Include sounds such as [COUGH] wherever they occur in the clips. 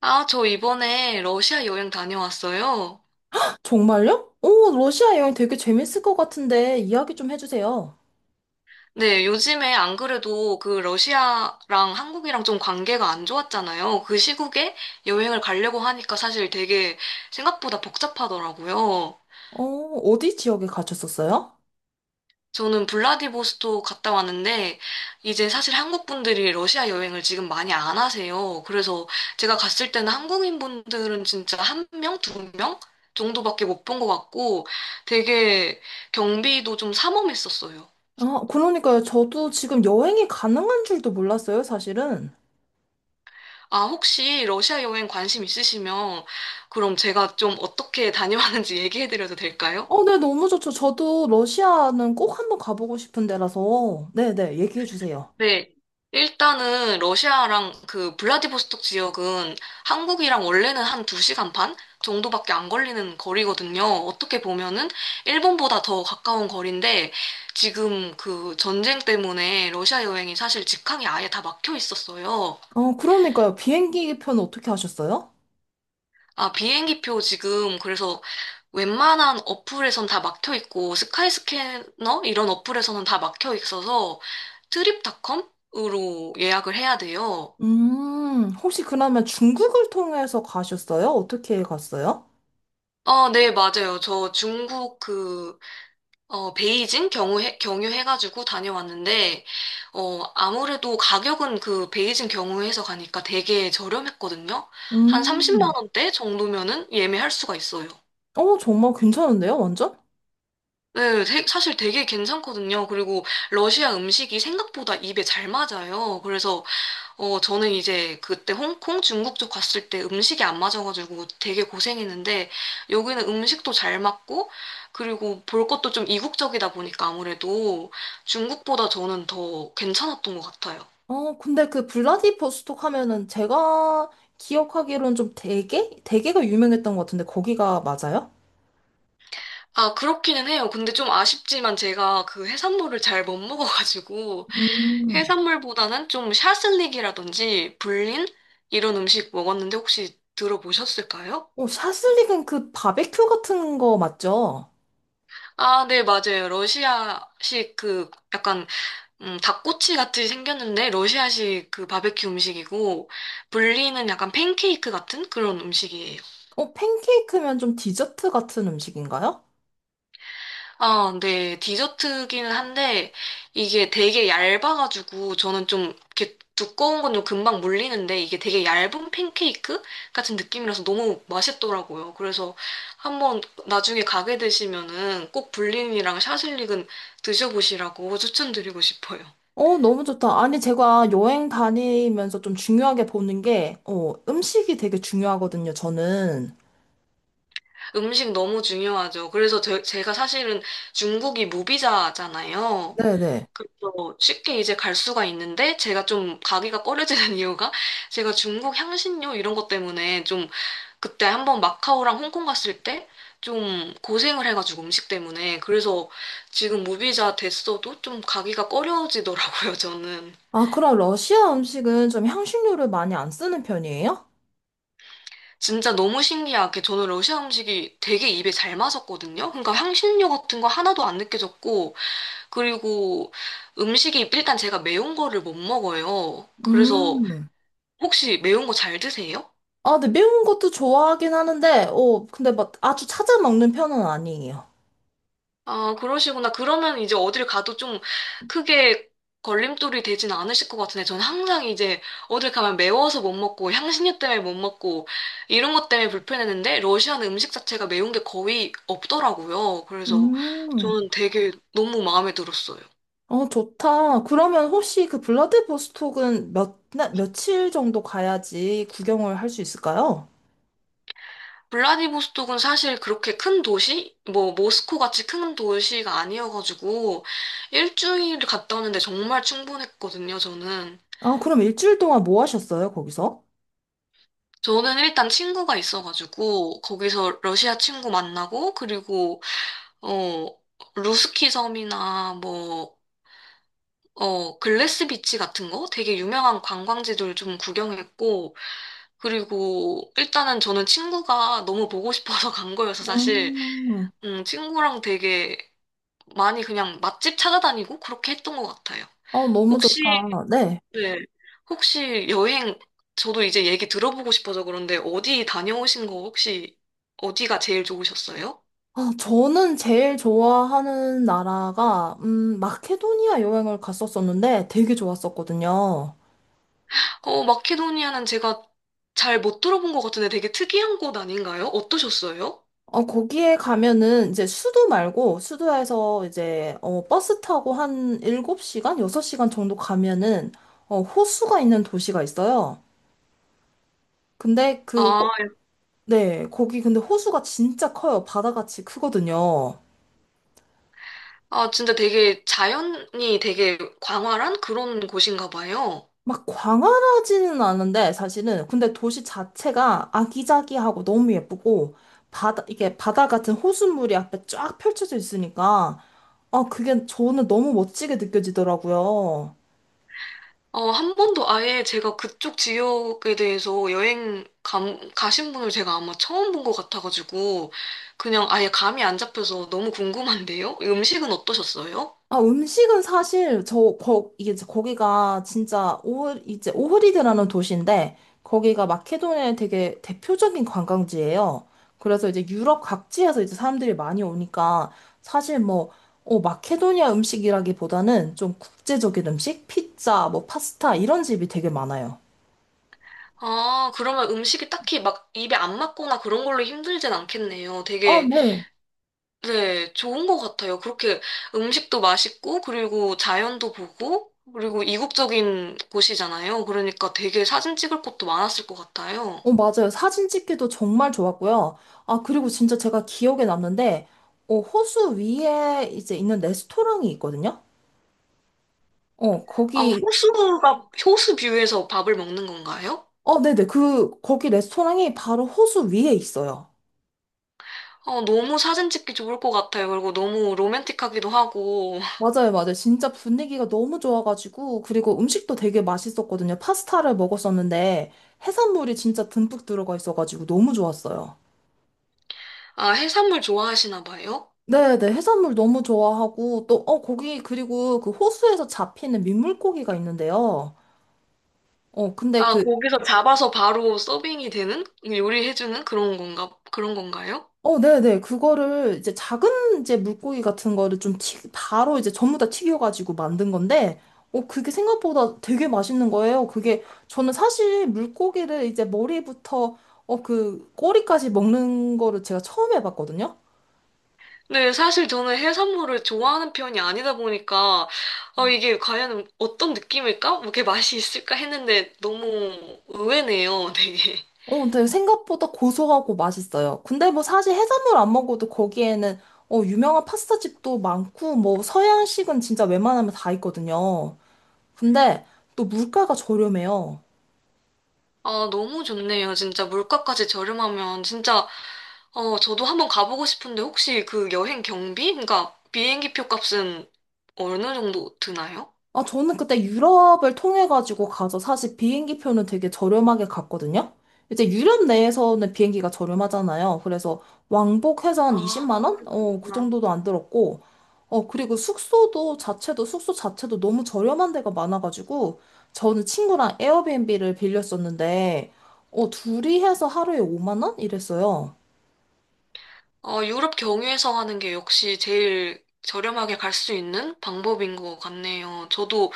아, 저 이번에 러시아 여행 다녀왔어요. 정말요? 오, 러시아 여행 되게 재밌을 것 같은데 이야기 좀 해주세요. 네, 요즘에 안 그래도 그 러시아랑 한국이랑 좀 관계가 안 좋았잖아요. 그 시국에 여행을 가려고 하니까 사실 되게 생각보다 복잡하더라고요. 어, 어디 지역에 가셨었어요? 저는 블라디보스토크 갔다 왔는데 이제 사실 한국 분들이 러시아 여행을 지금 많이 안 하세요. 그래서 제가 갔을 때는 한국인 분들은 진짜 한 명, 두 명 정도밖에 못 본 것 같고 되게 경비도 좀 삼엄했었어요. 아, 그러니까요. 저도 지금 여행이 가능한 줄도 몰랐어요, 사실은. 아, 혹시 러시아 여행 관심 있으시면 그럼 제가 좀 어떻게 [LAUGHS] 다녀왔는지 얘기해드려도 될까요? 어, 네, 너무 좋죠. 저도 러시아는 꼭 한번 가보고 싶은 데라서. 네네, 얘기해 주세요. 네. 일단은 러시아랑 그 블라디보스톡 지역은 한국이랑 원래는 한 2시간 반 정도밖에 안 걸리는 거리거든요. 어떻게 보면은 일본보다 더 가까운 거리인데 지금 그 전쟁 때문에 러시아 여행이 사실 직항이 아예 다 막혀 있었어요. 어, 그러니까요. 비행기 편 어떻게 하셨어요? 아, 비행기표 지금 그래서 웬만한 어플에선 다 막혀 있고 스카이스캐너 이런 어플에서는 다 막혀 있어서 트립닷컴으로 예약을 해야 돼요. 혹시 그러면 중국을 통해서 가셨어요? 어떻게 갔어요? 어, 네, 맞아요. 저 중국 그, 어, 경유해가지고 다녀왔는데, 어, 아무래도 가격은 그 베이징 경유해서 가니까 되게 저렴했거든요. 한 30만 음, 원대 정도면은 예매할 수가 있어요. 어, 정말 괜찮은데요, 완전? 사실 되게 괜찮거든요. 그리고 러시아 음식이 생각보다 입에 잘 맞아요. 그래서 어, 저는 이제 그때 홍콩, 중국 쪽 갔을 때 음식이 안 맞아가지고 되게 고생했는데 여기는 음식도 잘 맞고 그리고 볼 것도 좀 이국적이다 보니까 아무래도 중국보다 저는 더 괜찮았던 것 같아요. 어, 근데 그 블라디보스톡 하면은 제가 기억하기로는 좀 대게? 대게가 유명했던 것 같은데 거기가 맞아요? 아, 그렇기는 해요. 근데 좀 아쉽지만 제가 그 해산물을 잘 못 먹어가지고 음. 해산물보다는 좀 샤슬릭이라든지 불린 이런 음식 먹었는데 혹시 들어보셨을까요? 어, 샤슬릭은 그 바베큐 같은 거 맞죠? 아, 네, 맞아요. 러시아식 그 약간 닭꼬치 같이 생겼는데 러시아식 그 바베큐 음식이고 분리는 약간 팬케이크 같은 그런 음식이에요. 어, 팬케이크면 좀 디저트 같은 음식인가요? 아, 네, 디저트기는 한데 이게 되게 얇아가지고 저는 좀 이렇게 두꺼운 건 좀 금방 물리는데 이게 되게 얇은 팬케이크 같은 느낌이라서 너무 맛있더라고요. 그래서 한번 나중에 가게 되시면은 꼭 불린이랑 샤슬릭은 드셔보시라고 추천드리고 싶어요. 어, 너무 좋다. 아니, 제가 여행 다니면서 좀 중요하게 보는 게, 어, 음식이 되게 중요하거든요, 저는. 음식 너무 중요하죠. 그래서 제가 사실은 중국이 무비자잖아요. 네네. 그래서 쉽게 이제 갈 수가 있는데 제가 좀 가기가 꺼려지는 [LAUGHS] 이유가 제가 중국 향신료 이런 것 때문에 좀 그때 한번 마카오랑 홍콩 갔을 때 좀 고생을 해가지고 음식 때문에 그래서 지금 무비자 됐어도 좀 가기가 꺼려지더라고요, [LAUGHS] 저는. 아, 그럼 러시아 음식은 좀 향신료를 많이 안 쓰는 편이에요? 진짜 너무 신기하게 저는 러시아 음식이 되게 입에 잘 맞았거든요. 그러니까 향신료 같은 거 하나도 안 느껴졌고 그리고 음식이 일단 제가 매운 거를 못 먹어요. 그래서 음. 혹시 매운 거 잘 드세요? 아, 근데 매운 것도 좋아하긴 하는데, 어, 근데 막 아주 찾아 먹는 편은 아니에요. 아, 그러시구나. 그러면 이제 어딜 가도 좀 크게 걸림돌이 되진 않으실 것 같은데, 저는 항상 이제 어딜 가면 매워서 못 먹고, 향신료 때문에 못 먹고, 이런 것 때문에 불편했는데, 러시아는 음식 자체가 매운 게 거의 없더라고요. 그래서 음, 저는 되게 너무 마음에 들었어요. 어, 좋다. 그러면 혹시 그 블라디보스톡은 몇, 날, 며칠 정도 가야지 구경을 할 수 있을까요? 블라디보스톡은 사실 그렇게 큰 도시? 뭐, 모스코 같이 큰 도시가 아니어가지고, 일주일 갔다 오는데 정말 충분했거든요, 저는. 아, 그럼 일주일 동안 뭐 하셨어요, 거기서? 저는 일단 친구가 있어가지고, 거기서 러시아 친구 만나고, 그리고, 어, 루스키 섬이나 뭐, 어, 글래스 비치 같은 거? 되게 유명한 관광지들 좀 구경했고, 그리고 일단은 저는 친구가 너무 보고 싶어서 [LAUGHS] 간 거여서 사실, 음, 친구랑 되게 많이 그냥 맛집 찾아다니고 그렇게 했던 것 같아요. 아, 너무 좋다. 혹시, 네. 네. 혹시 여행, 저도 이제 얘기 들어보고 싶어서 그런데 어디 다녀오신 거 혹시 어디가 제일 좋으셨어요? 아, 저는 제일 좋아하는 나라가, 마케도니아 여행을 갔었었는데 되게 좋았었거든요. 어, 마케도니아는 제가 잘 못 들어본 것 같은데 되게 특이한 곳 아닌가요? 어떠셨어요? 어, 거기에 가면은 이제 수도 말고 수도에서 이제 어, 버스 타고 한 7시간 6시간 정도 가면은 어, 호수가 있는 도시가 있어요. 근데 그 아, 네, 거기 근데 호수가 진짜 커요. 바다같이 크거든요. 아, 진짜 되게 자연이 되게 광활한 그런 곳인가 봐요. 막 광활하지는 않은데 사실은 근데 도시 자체가 아기자기하고 너무 예쁘고 바다 이게 바다 같은 호수물이 앞에 쫙 펼쳐져 있으니까 아, 그게 저는 너무 멋지게 느껴지더라고요. 어, 한 번도 아예 제가 그쪽 지역에 대해서 가신 분을 제가 아마 처음 본 것 같아가지고, 그냥 아예 감이 안 잡혀서 너무 궁금한데요? 음식은 어떠셨어요? 아, 음식은 사실 저 거, 이게 이제 거기가 진짜 오흐 이제 오흐리드라는 도시인데 거기가 마케도니아의 되게 대표적인 관광지예요. 그래서 이제 유럽 각지에서 이제 사람들이 많이 오니까 사실 뭐 어, 마케도니아 음식이라기보다는 좀 국제적인 음식, 피자, 뭐 파스타 이런 집이 되게 많아요. 아, 그러면 음식이 딱히 막 입에 안 맞거나 그런 걸로 힘들진 않겠네요. 아, 되게, 네. 네, 좋은 것 같아요. 그렇게 음식도 맛있고, 그리고 자연도 보고, 그리고 이국적인 곳이잖아요. 그러니까 되게 사진 찍을 곳도 많았을 것 같아요. 어, 맞아요. 사진 찍기도 정말 좋았고요. 아, 그리고 진짜 제가 기억에 남는데 어, 호수 위에 이제 있는 레스토랑이 있거든요. 어, 아, 거기, 호수가, 호수 뷰에서 밥을 먹는 건가요? 어, 네네. 그, 거기 레스토랑이 바로 호수 위에 있어요. 어, 너무 사진 찍기 좋을 것 같아요. 그리고 너무 로맨틱하기도 하고. 맞아요, 맞아요. 진짜 분위기가 너무 좋아가지고, 그리고 음식도 되게 맛있었거든요. 파스타를 먹었었는데, 해산물이 진짜 듬뿍 들어가 있어가지고 너무 좋았어요. 아, 해산물 좋아하시나 봐요? 네네. 해산물 너무 좋아하고, 또, 어, 거기, 그리고 그 호수에서 잡히는 민물고기가 있는데요. 어, 근데 아, 그 거기서 잡아서 바로 서빙이 되는? 요리해주는 그런 건가요? 어, 네네. 그거를 이제 작은 이제 물고기 같은 거를 좀 바로 이제 전부 다 튀겨가지고 만든 건데, 어, 그게 생각보다 되게 맛있는 거예요. 그게, 저는 사실 물고기를 이제 머리부터, 어, 그, 꼬리까지 먹는 거를 제가 처음 해봤거든요. 네, 사실 저는 해산물을 좋아하는 편이 아니다 보니까, 어 이게 과연 어떤 느낌일까? 뭐 이렇게 맛이 있을까 했는데 너무 의외네요, 되게. 어, 근데 생각보다 고소하고 맛있어요. 근데 뭐 사실 해산물 안 먹어도 거기에는, 어, 유명한 파스타집도 많고, 뭐 서양식은 진짜 웬만하면 다 있거든요. 근데 또 물가가 저렴해요. 아, 너무 좋네요. 진짜 물가까지 저렴하면 진짜 어, 저도 한번 가보고 싶은데 혹시 그 여행 경비? 그러니까 비행기 표 값은 어느 정도 드나요? 아, 저는 그때 유럽을 통해가지고 가서 사실 비행기 표는 되게 저렴하게 갔거든요? 이제 유럽 내에서는 비행기가 저렴하잖아요. 그래서 왕복해서 한 아, 20만 원? 어, 그 그렇구나. 정도도 안 들었고, 어, 그리고 숙소 자체도 너무 저렴한 데가 많아가지고, 저는 친구랑 에어비앤비를 빌렸었는데, 어, 둘이 해서 하루에 5만 원? 이랬어요. 어, 유럽 경유해서 하는 게 역시 제일 저렴하게 갈 수 있는 방법인 것 같네요. 저도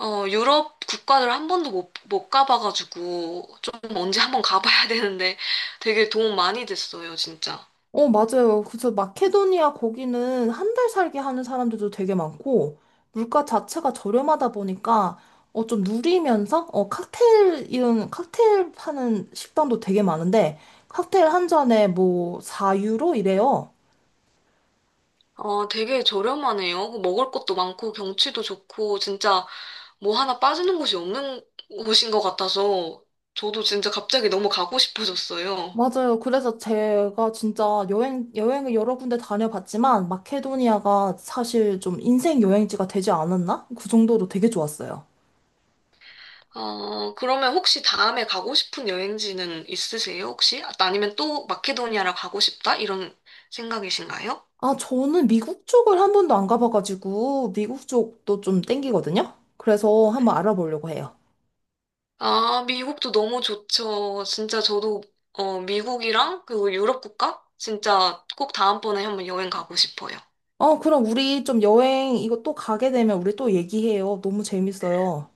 어, 유럽 국가를 한 번도 못 가봐가지고 좀 언제 한번 가봐야 [LAUGHS] 되는데 되게 도움 많이 됐어요, 진짜. 어, 맞아요. 그래서 마케도니아 거기는 한 달 살기 하는 사람들도 되게 많고, 물가 자체가 저렴하다 보니까, 어, 좀 누리면서, 어, 칵테일, 이런 칵테일 파는 식당도 되게 많은데, 칵테일 한 잔에 뭐, 4유로 이래요. 아, 되게 저렴하네요. 그 먹을 것도 많고 경치도 좋고 진짜 뭐 하나 빠지는 곳이 없는 곳인 것 같아서 저도 진짜 갑자기 너무 가고 싶어졌어요. 맞아요. 그래서 제가 진짜 여행을 여러 군데 다녀봤지만, 마케도니아가 사실 좀 인생 여행지가 되지 않았나? 그 정도로 되게 좋았어요. 아, 그러면 혹시 다음에 가고 싶은 여행지는 있으세요, 혹시? 아니면 또 마케도니아를 가고 싶다? 이런 생각이신가요? 아, 저는 미국 쪽을 한 번도 안 가봐가지고, 미국 쪽도 좀 땡기거든요? 그래서 한번 알아보려고 해요. 아, 미국도 너무 좋죠. 진짜 저도 어, 미국이랑 그리고 유럽 국가 진짜 꼭 다음번에 한번 여행 가고 싶어요. 어, 그럼 우리 좀 여행, 이거 또 가게 되면 우리 또 얘기해요. 너무 재밌어요.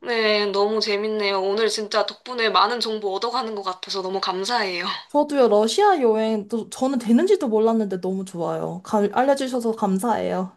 네, 너무 재밌네요. 오늘 진짜 덕분에 많은 정보 얻어가는 것 같아서 너무 감사해요. 저도요, 러시아 여행, 또 저는 되는지도 몰랐는데 너무 좋아요. 가- 알려주셔서 감사해요.